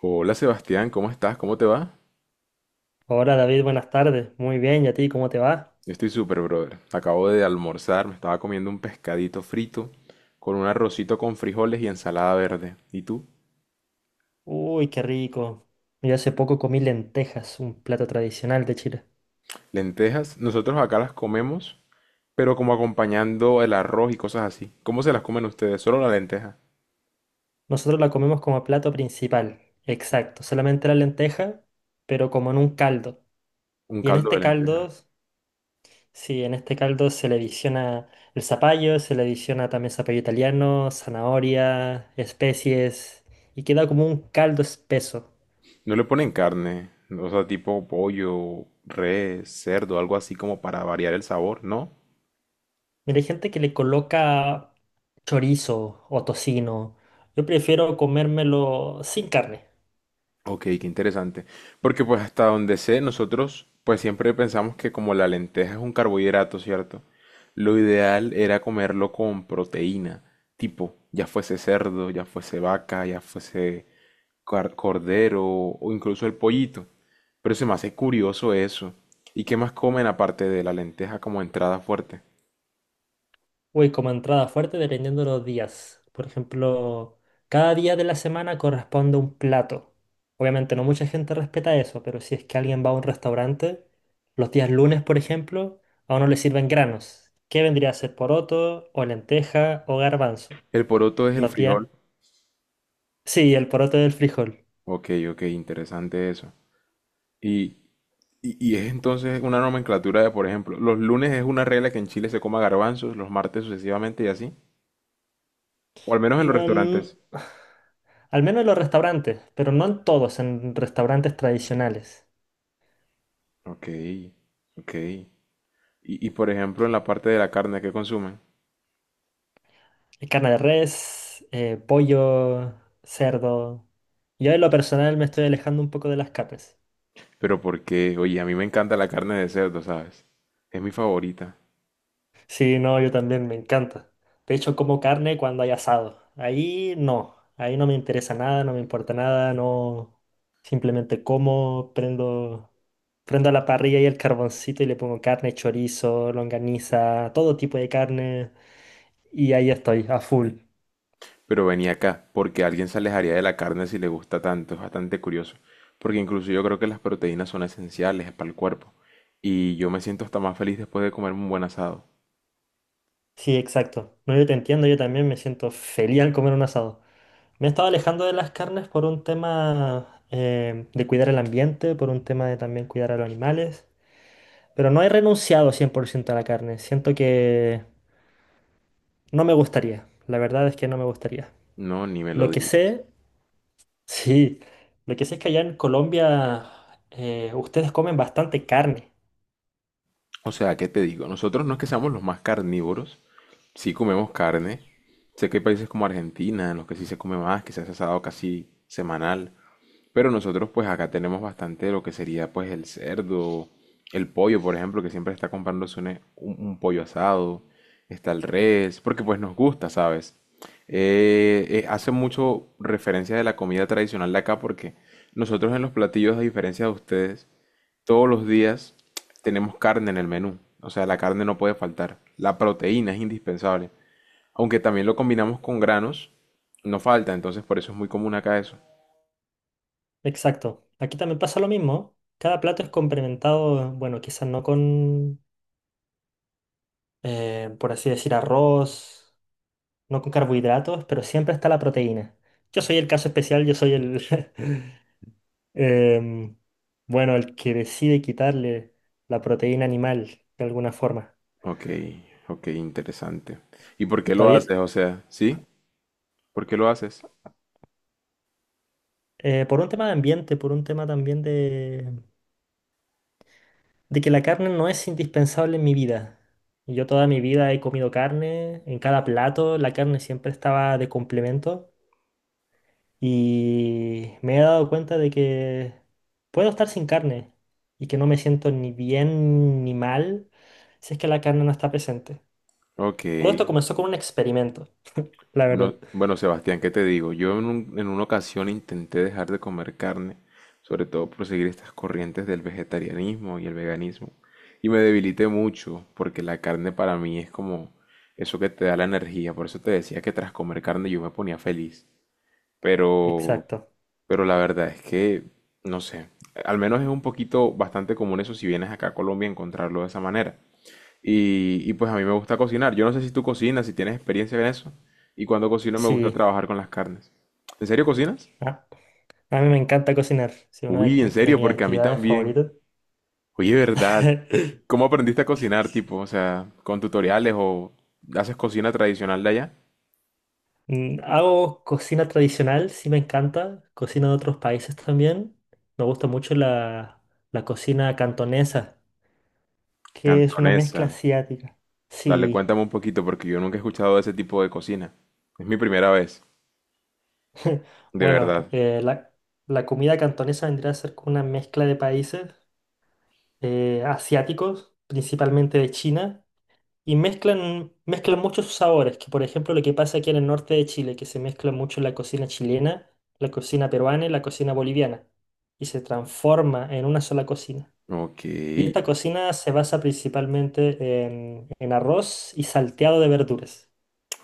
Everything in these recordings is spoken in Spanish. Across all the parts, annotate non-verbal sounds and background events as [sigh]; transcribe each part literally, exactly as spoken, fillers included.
Hola Sebastián, ¿cómo estás? ¿Cómo te va? Hola David, buenas tardes. Muy bien, ¿y a ti cómo te va? Yo estoy súper, brother. Acabo de almorzar, me estaba comiendo un pescadito frito con un arrocito con frijoles y ensalada verde. ¿Y tú? Uy, qué rico. Yo hace poco comí lentejas, un plato tradicional de Chile. Lentejas, nosotros acá las comemos, pero como acompañando el arroz y cosas así. ¿Cómo se las comen ustedes? Solo la lenteja, Nosotros la comemos como plato principal, exacto, solamente la lenteja, pero como en un caldo. un Y en caldo este de caldo, lenteja. sí, en este caldo se le adiciona el zapallo, se le adiciona también zapallo italiano, zanahoria, especies, y queda como un caldo espeso. No le ponen carne, o sea, tipo pollo, res, cerdo, algo así como para variar el sabor, ¿no? Mira, hay gente que le coloca chorizo o tocino. Yo prefiero comérmelo sin carne. Ok, qué interesante. Porque pues hasta donde sé, nosotros pues siempre pensamos que como la lenteja es un carbohidrato, ¿cierto? Lo ideal era comerlo con proteína, tipo, ya fuese cerdo, ya fuese vaca, ya fuese car- cordero o incluso el pollito. Pero se me hace curioso eso. ¿Y qué más comen aparte de la lenteja como entrada fuerte? Uy, como entrada fuerte dependiendo de los días. Por ejemplo, cada día de la semana corresponde un plato. Obviamente no mucha gente respeta eso, pero si es que alguien va a un restaurante, los días lunes, por ejemplo, a uno le sirven granos. ¿Qué vendría a ser poroto o lenteja o garbanzo? El poroto es el Los días... frijol. Sí, el poroto del frijol. Ok, ok, interesante eso. ¿Y Y, y es entonces una nomenclatura de, por ejemplo, los lunes es una regla que en Chile se coma garbanzos, los martes sucesivamente y así. O al menos en los No en- restaurantes. Al menos en los restaurantes, pero no en todos, en restaurantes tradicionales. Ok, ok. Y, y por ejemplo, en la parte de la carne que consumen. Hay carne de res, eh, pollo, cerdo. Yo en lo personal me estoy alejando un poco de las carnes. Pero porque, oye, a mí me encanta la carne de cerdo, ¿sabes? Es mi favorita. Sí, no, yo también me encanta. De hecho, como carne cuando hay asado. Ahí no, ahí no me interesa nada, no me importa nada, no. Simplemente como, prendo, prendo la parrilla y el carboncito y le pongo carne, chorizo, longaniza, todo tipo de carne. Y ahí estoy, a full. Pero venía acá, porque alguien se alejaría de la carne si le gusta tanto. Es bastante curioso. Porque incluso yo creo que las proteínas son esenciales para el cuerpo. Y yo me siento hasta más feliz después de comerme un buen asado. Sí, exacto. No, yo te entiendo, yo también me siento feliz al comer un asado. Me he estado alejando de las carnes por un tema eh, de cuidar el ambiente, por un tema de también cuidar a los animales. Pero no he renunciado cien por ciento a la carne. Siento que no me gustaría. La verdad es que no me gustaría. No, ni me lo Lo que digas. sé, [laughs] sí, lo que sé es que allá en Colombia eh, ustedes comen bastante carne. O sea, ¿qué te digo? Nosotros no es que seamos los más carnívoros, sí comemos carne. Sé que hay países como Argentina en los que sí se come más, que se hace asado casi semanal, pero nosotros pues acá tenemos bastante lo que sería pues el cerdo, el pollo, por ejemplo, que siempre está comprándose un, un- pollo asado, está el res, porque pues nos gusta, ¿sabes? Eh, eh, hace mucho referencia de la comida tradicional de acá porque nosotros en los platillos, a diferencia de ustedes, todos los días tenemos carne en el menú. O sea, la carne no puede faltar. La proteína es indispensable. Aunque también lo combinamos con granos, no falta. Entonces, por eso es muy común acá eso. Exacto. Aquí también pasa lo mismo. Cada plato es complementado, bueno, quizás no con eh, por así decir, arroz, no con carbohidratos, pero siempre está la proteína. Yo soy el caso especial, yo soy el, [laughs] em, bueno, el que decide quitarle la proteína animal de alguna forma. Ok, ok, interesante. ¿Y por qué lo haces? David, O sea, ¿sí? ¿Por qué lo haces? eh, por un tema de ambiente, por un tema también de, de que la carne no es indispensable en mi vida. Yo toda mi vida he comido carne, en cada plato la carne siempre estaba de complemento. Y me he dado cuenta de que puedo estar sin carne y que no me siento ni bien ni mal si es que la carne no está presente. Ok. Todo esto comenzó con un experimento, la Bueno, verdad. bueno, Sebastián, ¿qué te digo? Yo en, un- en una ocasión intenté dejar de comer carne, sobre todo por seguir estas corrientes del vegetarianismo y el veganismo, y me debilité mucho porque la carne para mí es como eso que te da la energía, por eso te decía que tras comer carne yo me ponía feliz, pero, Exacto. pero la verdad es que, no sé, al menos es un poquito bastante común eso si vienes acá a Colombia encontrarlo de esa manera. Y, y pues a mí me gusta cocinar. Yo no sé si tú cocinas, si tienes experiencia en eso. Y cuando cocino me gusta Sí. trabajar con las carnes. ¿En serio cocinas? Ah, a mí me encanta cocinar. Es una de Uy, en acti- de serio, mis porque a mí actividades también. favoritas. Oye, ¿verdad? [laughs] ¿Cómo aprendiste a cocinar, tipo? O sea, ¿con tutoriales o haces cocina tradicional de allá? Mm, hago cocina tradicional, sí me encanta. Cocina de otros países también. Me gusta mucho la, la cocina cantonesa, que es una Cantonesa. mezcla asiática. Dale, Sí. cuéntame un poquito, porque yo nunca he escuchado de ese tipo de cocina. Es mi primera vez, de Bueno, verdad. eh, la, la comida cantonesa vendría a ser como una mezcla de países eh, asiáticos, principalmente de China, y mezclan, mezclan muchos sabores, que por ejemplo lo que pasa aquí en el norte de Chile, que se mezcla mucho la cocina chilena, la cocina peruana y la cocina boliviana, y se transforma en una sola cocina. Ok, Y esta cocina se basa principalmente en, en arroz y salteado de verduras.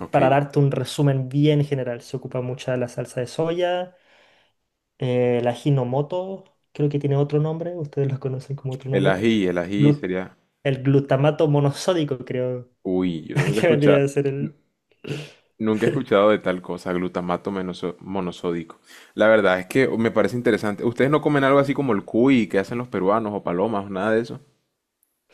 ok. Para darte un resumen bien general, se ocupa mucha la salsa de soya eh, la Hinomoto, creo que tiene otro nombre, ustedes los conocen como otro El nombre. ají, el ají Glu- sería... el glutamato monosódico, creo Uy, yo [laughs] nunca he que vendría escuchado... a ser el... [laughs] Nunca he escuchado de tal cosa, glutamato menoso- monosódico. La verdad es que me parece interesante. ¿Ustedes no comen algo así como el cuy que hacen los peruanos o palomas o nada de eso?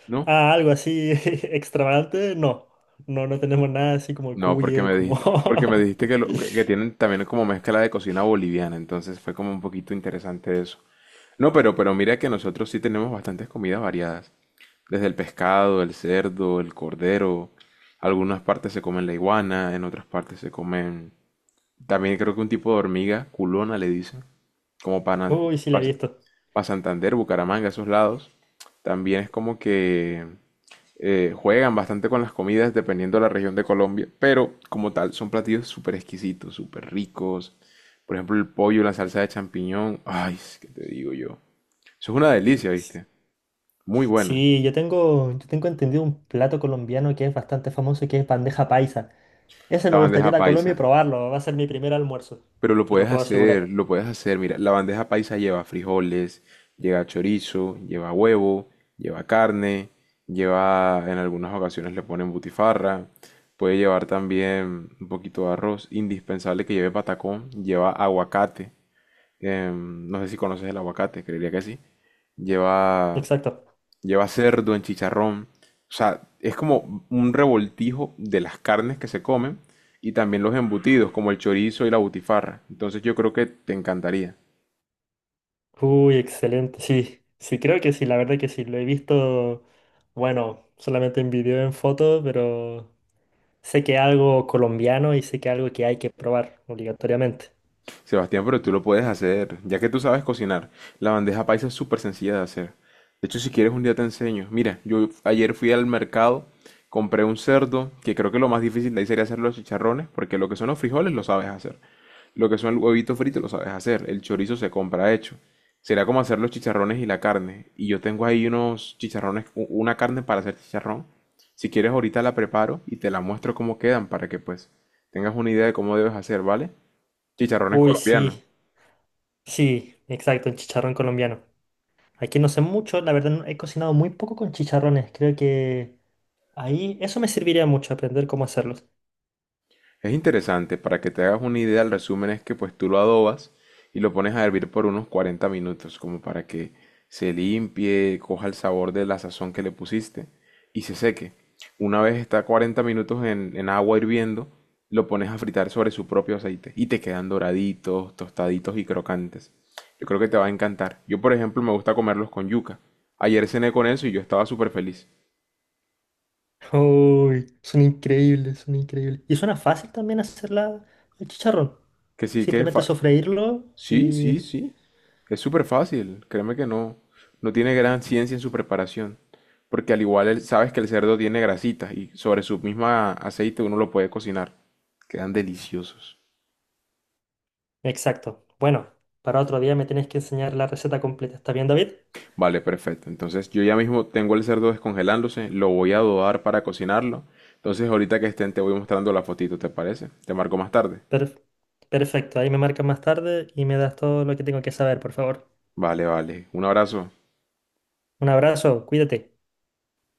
¿No? Ah, algo así [laughs] extravagante, no. No, no tenemos nada así como el No, porque cuye, me como... dijiste, porque me dijiste que, lo- que, que [laughs] tienen también como mezcla de cocina boliviana, entonces fue como un poquito interesante eso. No, pero, pero mira que nosotros sí tenemos bastantes comidas variadas. Desde el pescado, el cerdo, el cordero. Algunas partes se comen la iguana, en otras partes se comen. También creo que un tipo de hormiga, culona le dicen, como para, Uy, sí, la he visto. para Santander, Bucaramanga, esos lados. También es como que eh, juegan bastante con las comidas dependiendo de la región de Colombia, pero como tal son platillos súper exquisitos, súper ricos. Por ejemplo, el pollo, la salsa de champiñón. Ay, ¿qué te digo yo? Eso es una delicia, ¿viste? Muy bueno. Sí, yo tengo, yo tengo entendido un plato colombiano que es bastante famoso, que es bandeja paisa. Ese me La gustaría bandeja ir a Colombia paisa. y probarlo, va a ser mi primer almuerzo, Pero lo te lo puedes puedo hacer, asegurar. lo puedes hacer. Mira, la bandeja paisa lleva frijoles, lleva chorizo, lleva huevo, lleva carne, lleva, en algunas ocasiones le ponen butifarra. Puede llevar también un poquito de arroz. Indispensable que lleve patacón, lleva aguacate. Em, no sé si conoces el aguacate, creería que sí. Lleva Exacto. lleva cerdo en chicharrón. O sea, es como un revoltijo de las carnes que se comen y también los embutidos, como el chorizo y la butifarra. Entonces yo creo que te encantaría. Uy, excelente, sí, sí, creo que sí, la verdad que sí, lo he visto, bueno, solamente en video, en foto, pero sé que es algo colombiano y sé que es algo que hay que probar obligatoriamente. Sebastián, pero tú lo puedes hacer, ya que tú sabes cocinar. La bandeja paisa es súper sencilla de hacer. De hecho, si quieres un día te enseño. Mira, yo ayer fui al mercado, compré un cerdo, que creo que lo más difícil de ahí sería hacer los chicharrones, porque lo que son los frijoles lo sabes hacer. Lo que son el huevito frito lo sabes hacer, el chorizo se compra hecho. Será como hacer los chicharrones y la carne. Y yo tengo ahí unos chicharrones, u- una carne para hacer chicharrón. Si quieres ahorita la preparo y te la muestro cómo quedan para que pues tengas una idea de cómo debes hacer, ¿vale? Chicharrones Uy, colombianos. sí, sí, exacto, el chicharrón colombiano. Aquí no sé mucho, la verdad no- he cocinado muy poco con chicharrones, creo que ahí eso me serviría mucho, aprender cómo hacerlos. Es interesante, para que te hagas una idea, el resumen es que pues tú lo adobas y lo pones a hervir por unos cuarenta minutos, como para que se limpie, coja el sabor de la sazón que le pusiste y se seque. Una vez está cuarenta minutos en, en agua hirviendo, lo pones a fritar sobre su propio aceite y te quedan doraditos, tostaditos y crocantes. Yo creo que te va a encantar. Yo, por ejemplo, me gusta comerlos con yuca. Ayer cené con eso y yo estaba súper feliz. [laughs] Uy, son increíbles, son increíbles. Y suena fácil también hacerla el chicharrón. Que sí, que Simplemente fa- sofreírlo Sí, y sí, sí. Es súper fácil. Créeme que no, no tiene gran ciencia en su preparación. Porque al igual el- sabes que el cerdo tiene grasitas y sobre su misma aceite uno lo puede cocinar. Quedan deliciosos. exacto. Bueno, para otro día me tienes que enseñar la receta completa. ¿Está bien, David? Vale, perfecto. Entonces yo ya mismo tengo el cerdo descongelándose, lo voy a adobar para cocinarlo. Entonces ahorita que estén te voy mostrando la fotito, ¿te parece? Te marco más tarde. Perf- perfecto. Ahí me marcas más tarde y me das todo lo que tengo que saber, por favor. Vale, vale. Un abrazo. Un abrazo, cuídate.